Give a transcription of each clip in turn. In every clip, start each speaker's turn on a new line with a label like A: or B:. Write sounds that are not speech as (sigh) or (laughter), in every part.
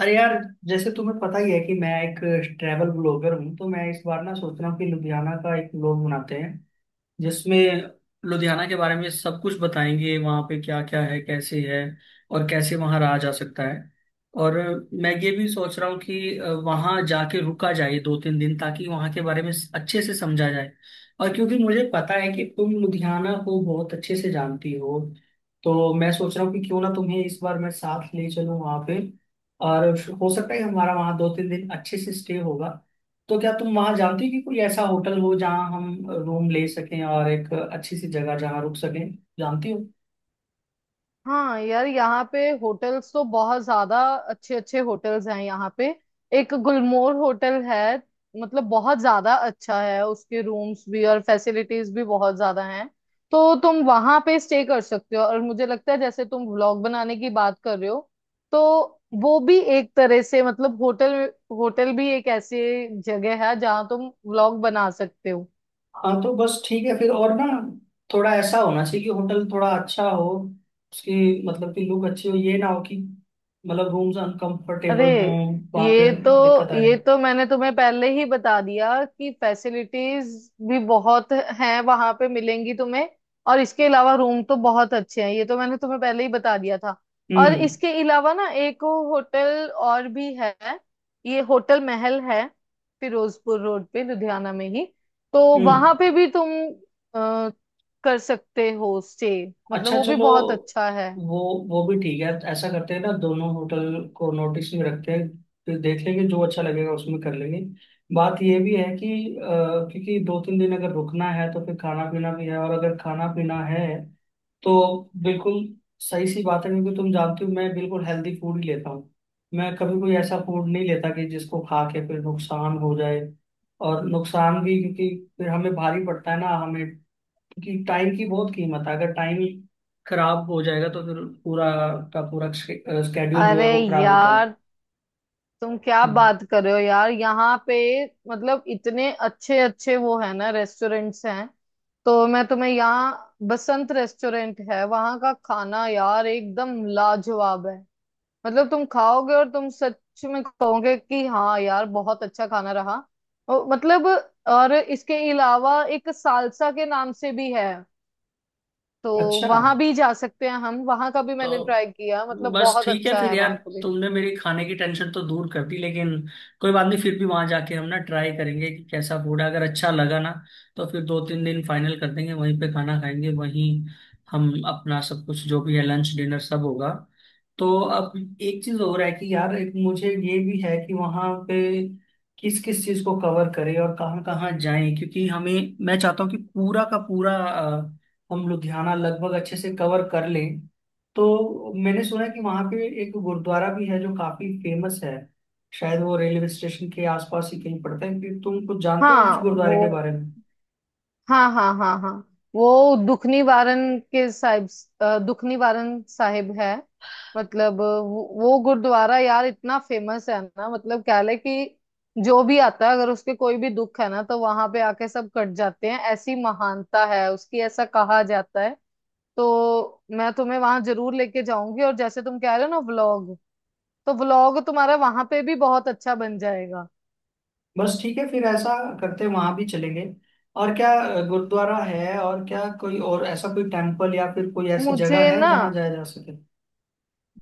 A: अरे यार, जैसे तुम्हें पता ही है कि मैं एक ट्रैवल ब्लॉगर हूँ। तो मैं इस बार ना सोच रहा हूँ कि लुधियाना का एक ब्लॉग बनाते हैं जिसमें लुधियाना के बारे में सब कुछ बताएंगे। वहाँ पे क्या क्या है, कैसे है और कैसे वहाँ रहा जा सकता है। और मैं ये भी सोच रहा हूँ कि वहाँ जाके रुका जाए दो तीन दिन, ताकि वहाँ के बारे में अच्छे से समझा जाए। और क्योंकि मुझे पता है कि तुम लुधियाना को बहुत अच्छे से जानती हो, तो मैं सोच रहा हूँ कि क्यों ना तुम्हें इस बार मैं साथ ले चलूँ वहाँ पे। और हो सकता है कि हमारा वहाँ दो तीन दिन अच्छे से स्टे होगा। तो क्या तुम वहां जानती हो कि कोई ऐसा होटल हो जहां हम रूम ले सकें, और एक अच्छी सी जगह जहां रुक सकें? जानती हो?
B: हाँ यार, यहाँ पे होटल्स तो बहुत ज्यादा अच्छे अच्छे होटल्स हैं यहाँ पे। एक गुलमोहर होटल है। मतलब बहुत ज्यादा अच्छा है, उसके रूम्स भी और फैसिलिटीज भी बहुत ज्यादा हैं। तो तुम वहां पे स्टे कर सकते हो। और मुझे लगता है जैसे तुम व्लॉग बनाने की बात कर रहे हो, तो वो भी एक तरह से, मतलब होटल होटल भी एक ऐसी जगह है जहाँ तुम व्लॉग बना सकते हो।
A: हाँ, तो बस ठीक है फिर। और ना, थोड़ा ऐसा होना चाहिए कि होटल थोड़ा अच्छा हो। उसकी मतलब कि लुक अच्छी हो, ये ना हो कि मतलब रूम्स
B: अरे,
A: अनकंफर्टेबल हों, वहां
B: ये
A: पे
B: तो
A: दिक्कत आए।
B: ये तो मैंने तुम्हें पहले ही बता दिया कि फैसिलिटीज भी बहुत हैं वहां पे, मिलेंगी तुम्हें। और इसके अलावा रूम तो बहुत अच्छे हैं, ये तो मैंने तुम्हें पहले ही बता दिया था। और
A: हम्म।
B: इसके अलावा ना, एक होटल और भी है। ये होटल महल है, फिरोजपुर रोड पे, लुधियाना में ही। तो
A: हम्म।
B: वहां पे भी तुम अ, कर सकते हो स्टे। मतलब
A: अच्छा,
B: वो भी
A: चलो।
B: बहुत अच्छा है।
A: वो वो भी ठीक है। ऐसा करते हैं ना, दोनों होटल को नोटिस में रखते हैं। फिर देख लेंगे, जो अच्छा लगेगा उसमें कर लेंगे। बात ये भी है कि, क्योंकि दो तीन दिन अगर रुकना है तो फिर खाना पीना भी है। और अगर खाना पीना है तो बिल्कुल सही सी बात है। क्योंकि तुम जानती हो मैं बिल्कुल हेल्दी फूड ही लेता हूँ। मैं कभी कोई ऐसा फूड नहीं लेता कि जिसको खा के फिर नुकसान हो जाए। और नुकसान भी, क्योंकि फिर हमें भारी पड़ता है ना हमें, कि टाइम की बहुत कीमत है। अगर टाइम खराब हो जाएगा, तो फिर पूरा का पूरा स्केड्यूल जो
B: अरे
A: है वो खराब होता
B: यार, तुम क्या
A: है।
B: बात कर रहे हो यार। यहाँ पे मतलब इतने अच्छे अच्छे वो है ना, रेस्टोरेंट्स हैं। तो मैं तुम्हें यहाँ, बसंत रेस्टोरेंट है, वहाँ का खाना यार एकदम लाजवाब है। मतलब तुम खाओगे और तुम सच में कहोगे कि हाँ यार, बहुत अच्छा खाना रहा। और मतलब और इसके अलावा एक सालसा के नाम से भी है। तो
A: अच्छा,
B: वहां भी जा सकते हैं हम। वहां का भी मैंने
A: तो
B: ट्राई किया, मतलब
A: बस
B: बहुत
A: ठीक है
B: अच्छा
A: फिर
B: है
A: यार।
B: वहां का भी।
A: तुमने मेरी खाने की टेंशन तो दूर कर दी, लेकिन कोई बात नहीं, फिर भी वहां जाके हम ना ट्राई करेंगे कि कैसा फूड है। अगर अच्छा लगा ना, तो फिर दो तीन दिन फाइनल कर देंगे, वहीं पे खाना खाएंगे। वहीं हम अपना सब कुछ जो भी है लंच डिनर सब होगा। तो अब एक चीज हो रहा है कि यार, एक मुझे ये भी है कि वहां पे किस किस चीज को कवर करें और कहाँ कहाँ जाएं, क्योंकि हमें, मैं चाहता हूँ कि पूरा का पूरा हम लुधियाना लगभग अच्छे से कवर कर लें। तो मैंने सुना है कि वहां पे एक गुरुद्वारा भी है जो काफी फेमस है। शायद वो रेलवे स्टेशन के आसपास ही कहीं पड़ता है, कि तुम कुछ जानते हो उस
B: हाँ
A: गुरुद्वारे
B: वो,
A: के बारे में?
B: हाँ हाँ हाँ हाँ, वो दुख निवारण के साहिब, दुख निवारण साहिब है। मतलब वो गुरुद्वारा यार इतना फेमस है ना। मतलब क्या है कि जो भी आता है, अगर उसके कोई भी दुख है ना, तो वहां पे आके सब कट जाते हैं। ऐसी महानता है उसकी, ऐसा कहा जाता है। तो मैं तुम्हें वहां जरूर लेके जाऊंगी। और जैसे तुम कह रहे हो ना व्लॉग, तो व्लॉग तुम्हारा वहां पे भी बहुत अच्छा बन जाएगा।
A: बस ठीक है फिर, ऐसा करते हैं, वहां भी चलेंगे। और क्या गुरुद्वारा है, और क्या कोई और ऐसा कोई टेम्पल या फिर कोई ऐसी जगह
B: मुझे
A: है
B: ना,
A: जहाँ जाया जा सके?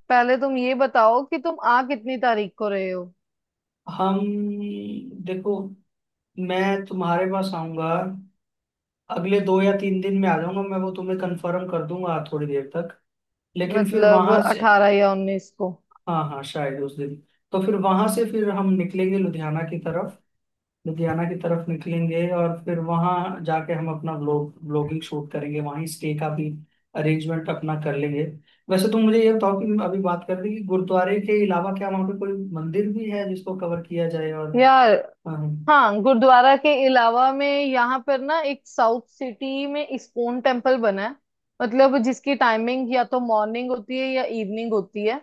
B: पहले तुम ये बताओ कि तुम आ कितनी तारीख को रहे हो।
A: हम। देखो, मैं तुम्हारे पास आऊंगा अगले दो या तीन दिन में। आ जाऊंगा मैं, वो तुम्हें कंफर्म कर दूंगा थोड़ी देर तक। लेकिन फिर
B: मतलब
A: वहां से।
B: 18 या 19 को।
A: हाँ हाँ, शायद उस दिन। तो फिर वहां से फिर हम निकलेंगे लुधियाना की तरफ। लुधियाना की तरफ निकलेंगे, और फिर वहां जाके हम अपना ब्लॉग ब्लॉगिंग शूट करेंगे। वहीं स्टे का भी अरेंजमेंट अपना कर लेंगे। वैसे तुम मुझे ये बताओ कि अभी बात कर रही कि गुरुद्वारे के अलावा क्या वहां पे कोई मंदिर भी है जिसको कवर किया जाए, और?
B: यार,
A: हाँ।
B: हाँ, गुरुद्वारा के अलावा में यहाँ पर ना, एक साउथ सिटी में इस्कॉन टेम्पल बना है। मतलब जिसकी टाइमिंग या तो मॉर्निंग होती है या इवनिंग होती है।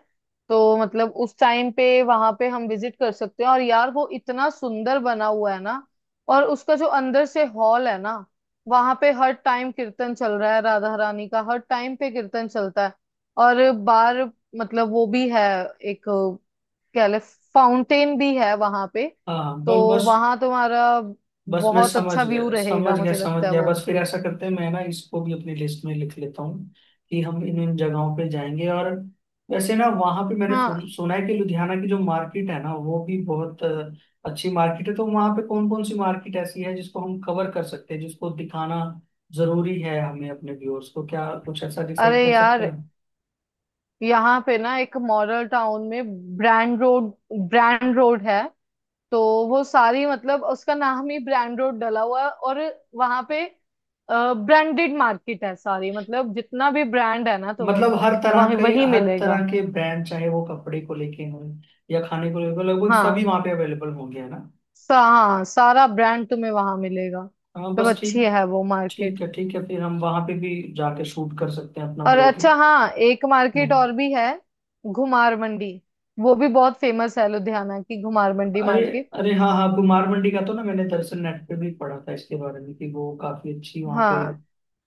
B: तो मतलब उस टाइम पे वहां पे हम विजिट कर सकते हैं। और यार, वो इतना सुंदर बना हुआ है ना। और उसका जो अंदर से हॉल है ना, वहां पे हर टाइम कीर्तन चल रहा है, राधा रानी का हर टाइम पे कीर्तन चलता है। और बार, मतलब वो भी है, एक कह ले फाउंटेन भी है वहां पे।
A: हाँ हाँ,
B: तो
A: बस बस।
B: वहां तुम्हारा
A: बस मैं
B: बहुत
A: समझ
B: अच्छा व्यू
A: गया, समझ
B: रहेगा,
A: गया,
B: मुझे लगता
A: समझ
B: है
A: गया।
B: वो।
A: बस फिर ऐसा करते हैं, मैं ना इसको भी अपनी लिस्ट में लिख लेता हूँ कि हम इन इन जगहों पे जाएंगे। और वैसे ना, वहाँ पे मैंने सुन,
B: हाँ।
A: सुना है कि लुधियाना की जो मार्केट है ना, वो भी बहुत अच्छी मार्केट है। तो वहाँ पे कौन कौन सी मार्केट ऐसी है जिसको हम कवर कर सकते हैं, जिसको दिखाना जरूरी है हमें अपने व्यूअर्स को? क्या कुछ ऐसा
B: अरे
A: डिसाइड कर सकते
B: यार,
A: हैं हम?
B: यहाँ पे ना, एक मॉडल टाउन में ब्रांड रोड, ब्रांड रोड है। तो वो सारी, मतलब उसका नाम ही ब्रांड रोड डला हुआ है। और वहां पे ब्रांडेड मार्केट है सारी। मतलब जितना भी ब्रांड है ना, तुम्हें
A: मतलब हर तरह
B: वही
A: के,
B: वही
A: हर
B: मिलेगा।
A: तरह के ब्रांड, चाहे वो कपड़े को लेके हों या खाने को लेके, लगभग सभी
B: हाँ,
A: वहाँ पे अवेलेबल होंगे, है ना?
B: हाँ सारा ब्रांड तुम्हें वहां मिलेगा।
A: हाँ,
B: तो
A: बस ठीक।
B: अच्छी है वो
A: ठीक
B: मार्केट।
A: है, ठीक है फिर हम वहां पे भी जाके शूट कर सकते हैं अपना
B: और
A: ब्लॉगिंग।
B: अच्छा हाँ, एक मार्केट
A: हम्म।
B: और भी है, घुमार मंडी। वो भी बहुत फेमस है, लुधियाना की घुमार मंडी
A: अरे
B: मार्केट।
A: अरे, हाँ हाँ, कुमार मंडी का तो ना मैंने दरअसल नेट पे भी पढ़ा था इसके बारे में, कि वो काफी अच्छी वहाँ पे
B: हाँ।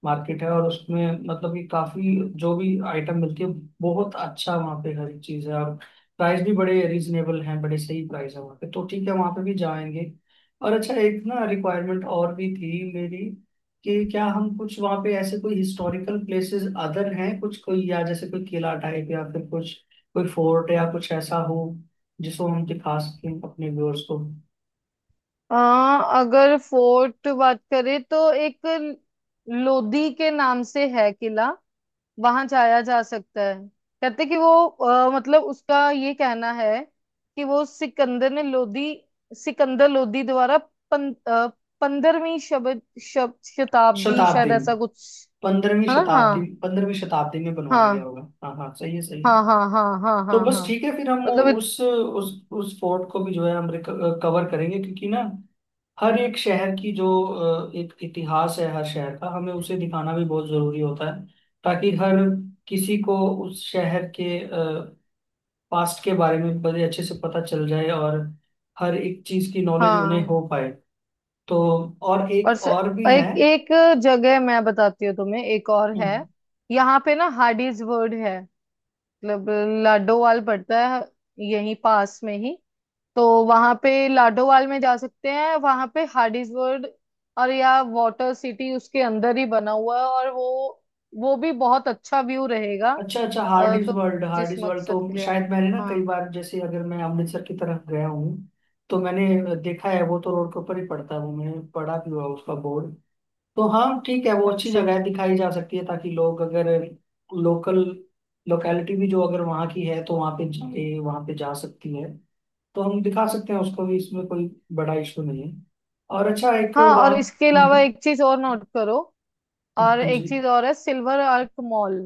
A: मार्केट है। और उसमें मतलब कि काफी जो भी आइटम मिलती है, बहुत अच्छा वहाँ पे हर एक चीज है। और प्राइस भी बड़े रीजनेबल हैं, बड़े सही प्राइस है वहाँ पे। तो ठीक है, वहाँ पे भी जाएंगे। और अच्छा, एक ना रिक्वायरमेंट और भी थी मेरी। कि क्या हम कुछ वहाँ पे ऐसे कोई हिस्टोरिकल प्लेसेस अदर हैं कुछ, कोई या जैसे कोई किला टाइप या फिर कुछ कोई फोर्ट या कुछ ऐसा हो जिसको हम दिखा सकें अपने व्यूअर्स को?
B: अगर फोर्ट बात करें तो एक लोधी के नाम से है किला। वहां जाया जा सकता है। कहते कि वो मतलब उसका ये कहना है कि वो सिकंदर ने लोधी, सिकंदर लोधी द्वारा 15वीं शब, शब, शताब्दी शायद,
A: शताब्दी में,
B: ऐसा कुछ
A: पंद्रहवीं
B: है ना।
A: शताब्दी
B: हाँ
A: 15वीं शताब्दी में बनवाया गया
B: हाँ
A: होगा। हाँ हाँ, सही है, सही
B: हाँ
A: है।
B: हाँ हाँ हाँ
A: तो
B: हाँ
A: बस
B: हाँ।
A: ठीक है फिर, हम
B: मतलब इत,
A: उस फोर्ट को भी जो है, हम कवर करेंगे। क्योंकि ना, हर एक शहर की जो एक इतिहास है, हर शहर का हमें उसे दिखाना भी बहुत जरूरी होता है, ताकि हर किसी को उस शहर के पास्ट के बारे में बड़े अच्छे से पता चल जाए, और हर एक चीज की नॉलेज उन्हें हो
B: हाँ।
A: पाए। तो, और
B: और
A: एक और भी है?
B: एक एक जगह मैं बताती हूँ तुम्हें, एक और है।
A: हम्म।
B: यहाँ पे ना हार्डीज वर्ड है। मतलब लाडोवाल पड़ता है, यहीं पास में ही। तो वहां पे लाडोवाल में जा सकते हैं, वहां पे हार्डीज वर्ड और या वाटर सिटी उसके अंदर ही बना हुआ है। और वो भी बहुत अच्छा व्यू रहेगा।
A: अच्छा अच्छा, हार्डीज
B: तो
A: वर्ल्ड,
B: जिस
A: हार्डीज वर्ल्ड
B: मकसद के
A: तो
B: लिए आ रहे
A: शायद
B: हो।
A: मैंने ना कई
B: हाँ,
A: बार, जैसे अगर मैं अमृतसर की तरफ गया हूँ तो मैंने देखा है। वो तो रोड के ऊपर ही पड़ता है, वो मैंने पढ़ा भी हुआ है उसका बोर्ड। तो हाँ ठीक है, वो अच्छी
B: अच्छा
A: जगह है, दिखाई जा सकती है। ताकि लोग, अगर लोकल लोकेलिटी भी जो अगर वहाँ की है, तो वहाँ पे जाए, वहाँ पे जा सकती है। तो हम दिखा सकते हैं उसको भी, इसमें कोई बड़ा इशू नहीं है। और अच्छा, एक
B: हाँ, और
A: वहाँ।
B: इसके अलावा
A: हम्म।
B: एक चीज और नोट करो।
A: हम्म।
B: और
A: हाँ जी।
B: एक चीज और है, सिल्वर आर्क मॉल।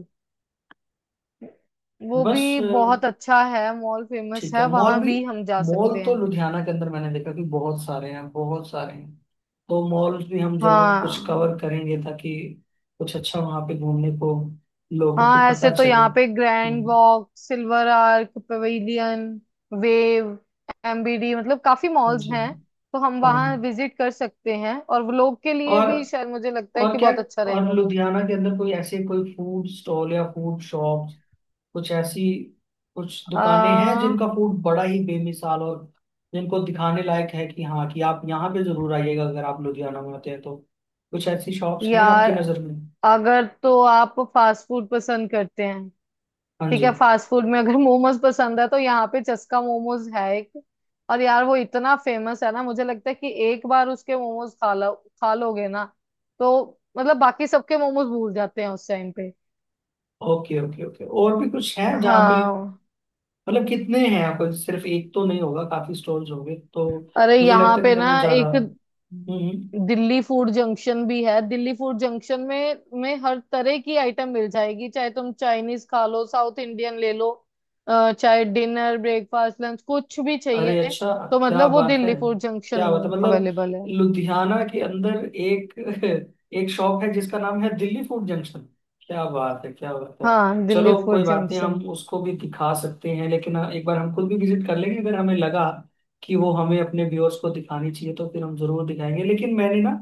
B: वो
A: बस
B: भी बहुत अच्छा है मॉल, फेमस
A: ठीक है,
B: है,
A: मॉल
B: वहां
A: भी।
B: भी हम जा
A: मॉल
B: सकते
A: तो
B: हैं।
A: लुधियाना के अंदर मैंने देखा कि बहुत सारे हैं, बहुत सारे हैं। तो मॉल भी हम जरूर कुछ
B: हाँ।
A: कवर करेंगे, ताकि कुछ अच्छा वहां पे घूमने को लोगों को
B: हाँ, ऐसे
A: पता
B: तो
A: चले।
B: यहाँ पे ग्रैंड
A: हम्म।
B: Walk, Silver Arc, Pavilion, Wave, MBD, मतलब काफी
A: हाँ
B: मॉल्स
A: जी।
B: हैं। तो हम
A: हाँ जी।
B: वहाँ विजिट कर सकते हैं। और वो लोग के लिए
A: और
B: भी शायद मुझे लगता है
A: और
B: कि
A: क्या?
B: बहुत अच्छा
A: और
B: रहेगा वो।
A: लुधियाना के अंदर कोई ऐसे कोई फूड स्टॉल या फूड शॉप, कुछ ऐसी कुछ दुकानें हैं
B: आ,
A: जिनका फूड बड़ा ही बेमिसाल और जिनको दिखाने लायक है, कि हाँ, कि आप यहाँ पे जरूर आइएगा अगर आप लुधियाना में आते हैं तो? कुछ ऐसी शॉप्स हैं
B: यार,
A: आपकी नज़र में?
B: अगर तो आप फास्ट फूड पसंद करते हैं,
A: हाँ
B: ठीक
A: जी।
B: है। फास्ट फूड में अगर मोमोज पसंद है तो यहाँ पे चस्का मोमोज है एक। और यार, वो इतना फेमस है ना, मुझे लगता है कि एक बार उसके मोमोज खा लो, खा लोगे ना, तो मतलब बाकी सबके मोमोज भूल जाते हैं उस टाइम पे।
A: ओके ओके ओके, और भी कुछ है जहाँ पे?
B: हाँ।
A: मतलब कितने हैं? आपको सिर्फ एक तो नहीं होगा, काफी स्टॉल्स होंगे। तो
B: अरे,
A: मुझे
B: यहाँ
A: लगता है कि
B: पे ना
A: हमें ज्यादा।
B: एक
A: हम्म। हम्म।
B: दिल्ली फूड जंक्शन भी है। दिल्ली फूड जंक्शन में हर तरह की आइटम मिल जाएगी। चाहे तुम चाइनीज खा लो, साउथ इंडियन ले लो, चाहे डिनर, ब्रेकफास्ट, लंच कुछ भी
A: अरे
B: चाहिए,
A: अच्छा।
B: तो
A: क्या
B: मतलब वो
A: बात है,
B: दिल्ली फूड जंक्शन
A: क्या बात है।
B: में
A: मतलब
B: अवेलेबल है।
A: लुधियाना के अंदर एक (laughs) एक शॉप है जिसका नाम है दिल्ली फूड जंक्शन। क्या बात है, क्या बात है।
B: हाँ, दिल्ली
A: चलो कोई
B: फूड
A: बात नहीं,
B: जंक्शन।
A: हम उसको भी दिखा सकते हैं। लेकिन हाँ, एक बार हम खुद भी विजिट कर लेंगे, अगर हमें लगा कि वो हमें अपने व्यूअर्स को दिखानी चाहिए तो फिर हम जरूर दिखाएंगे। लेकिन मैंने ना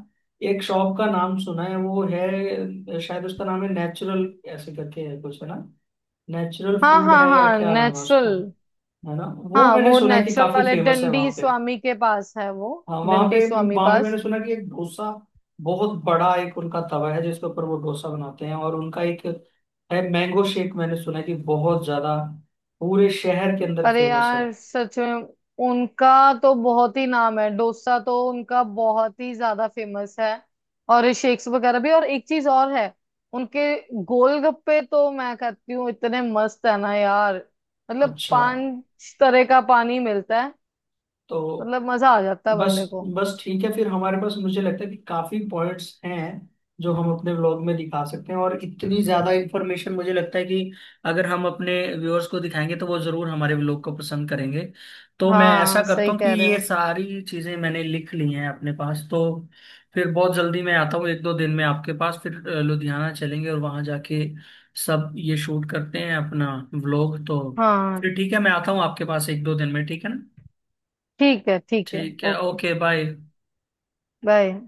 A: एक शॉप का नाम सुना है, वो है शायद उसका नाम है नेचुरल, ऐसे करके है कुछ, है ना? नेचुरल
B: हाँ
A: फूड
B: हाँ
A: है, या
B: हाँ,
A: क्या नाम है उसका,
B: नेचुरल।
A: है ना? वो
B: हाँ,
A: मैंने
B: वो
A: सुना है कि
B: नेचुरल
A: काफी
B: वाले
A: फेमस है
B: डंडी
A: वहां पे।
B: स्वामी के पास है वो,
A: हाँ, वहां
B: डंडी
A: पे
B: स्वामी
A: वहां पे मैंने
B: पास।
A: सुना कि एक डोसा बहुत बड़ा, एक उनका तवा है जिसके ऊपर वो डोसा बनाते हैं। और उनका एक है मैंगो शेक, मैंने सुना है कि बहुत ज्यादा पूरे शहर के अंदर
B: अरे
A: फेमस है।
B: यार, सच में उनका तो बहुत ही नाम है। डोसा तो उनका बहुत ही ज्यादा फेमस है, और शेक्स वगैरह भी। और एक चीज और है, उनके गोलगप्पे तो मैं कहती हूँ इतने मस्त है ना यार। मतलब
A: अच्छा,
B: पांच तरह का पानी मिलता है।
A: तो
B: मतलब मजा आ जाता है
A: बस
B: बंदे को।
A: बस, ठीक है फिर हमारे पास मुझे लगता है कि काफी पॉइंट्स हैं जो हम अपने व्लॉग में दिखा सकते हैं। और इतनी ज्यादा इन्फॉर्मेशन मुझे लगता है कि अगर हम अपने व्यूअर्स को दिखाएंगे तो वो जरूर हमारे व्लॉग को पसंद करेंगे। तो मैं ऐसा
B: हाँ
A: करता
B: सही
A: हूँ कि
B: कह रहे
A: ये
B: हो।
A: सारी चीजें मैंने लिख ली हैं अपने पास। तो फिर बहुत जल्दी मैं आता हूँ एक दो दिन में आपके पास, फिर लुधियाना चलेंगे और वहां जाके सब ये शूट करते हैं अपना व्लॉग। तो
B: हाँ
A: फिर ठीक है, मैं आता हूँ आपके पास एक दो दिन में, ठीक है ना?
B: ठीक है, ठीक है।
A: ठीक है,
B: ओके,
A: ओके बाय।
B: बाय।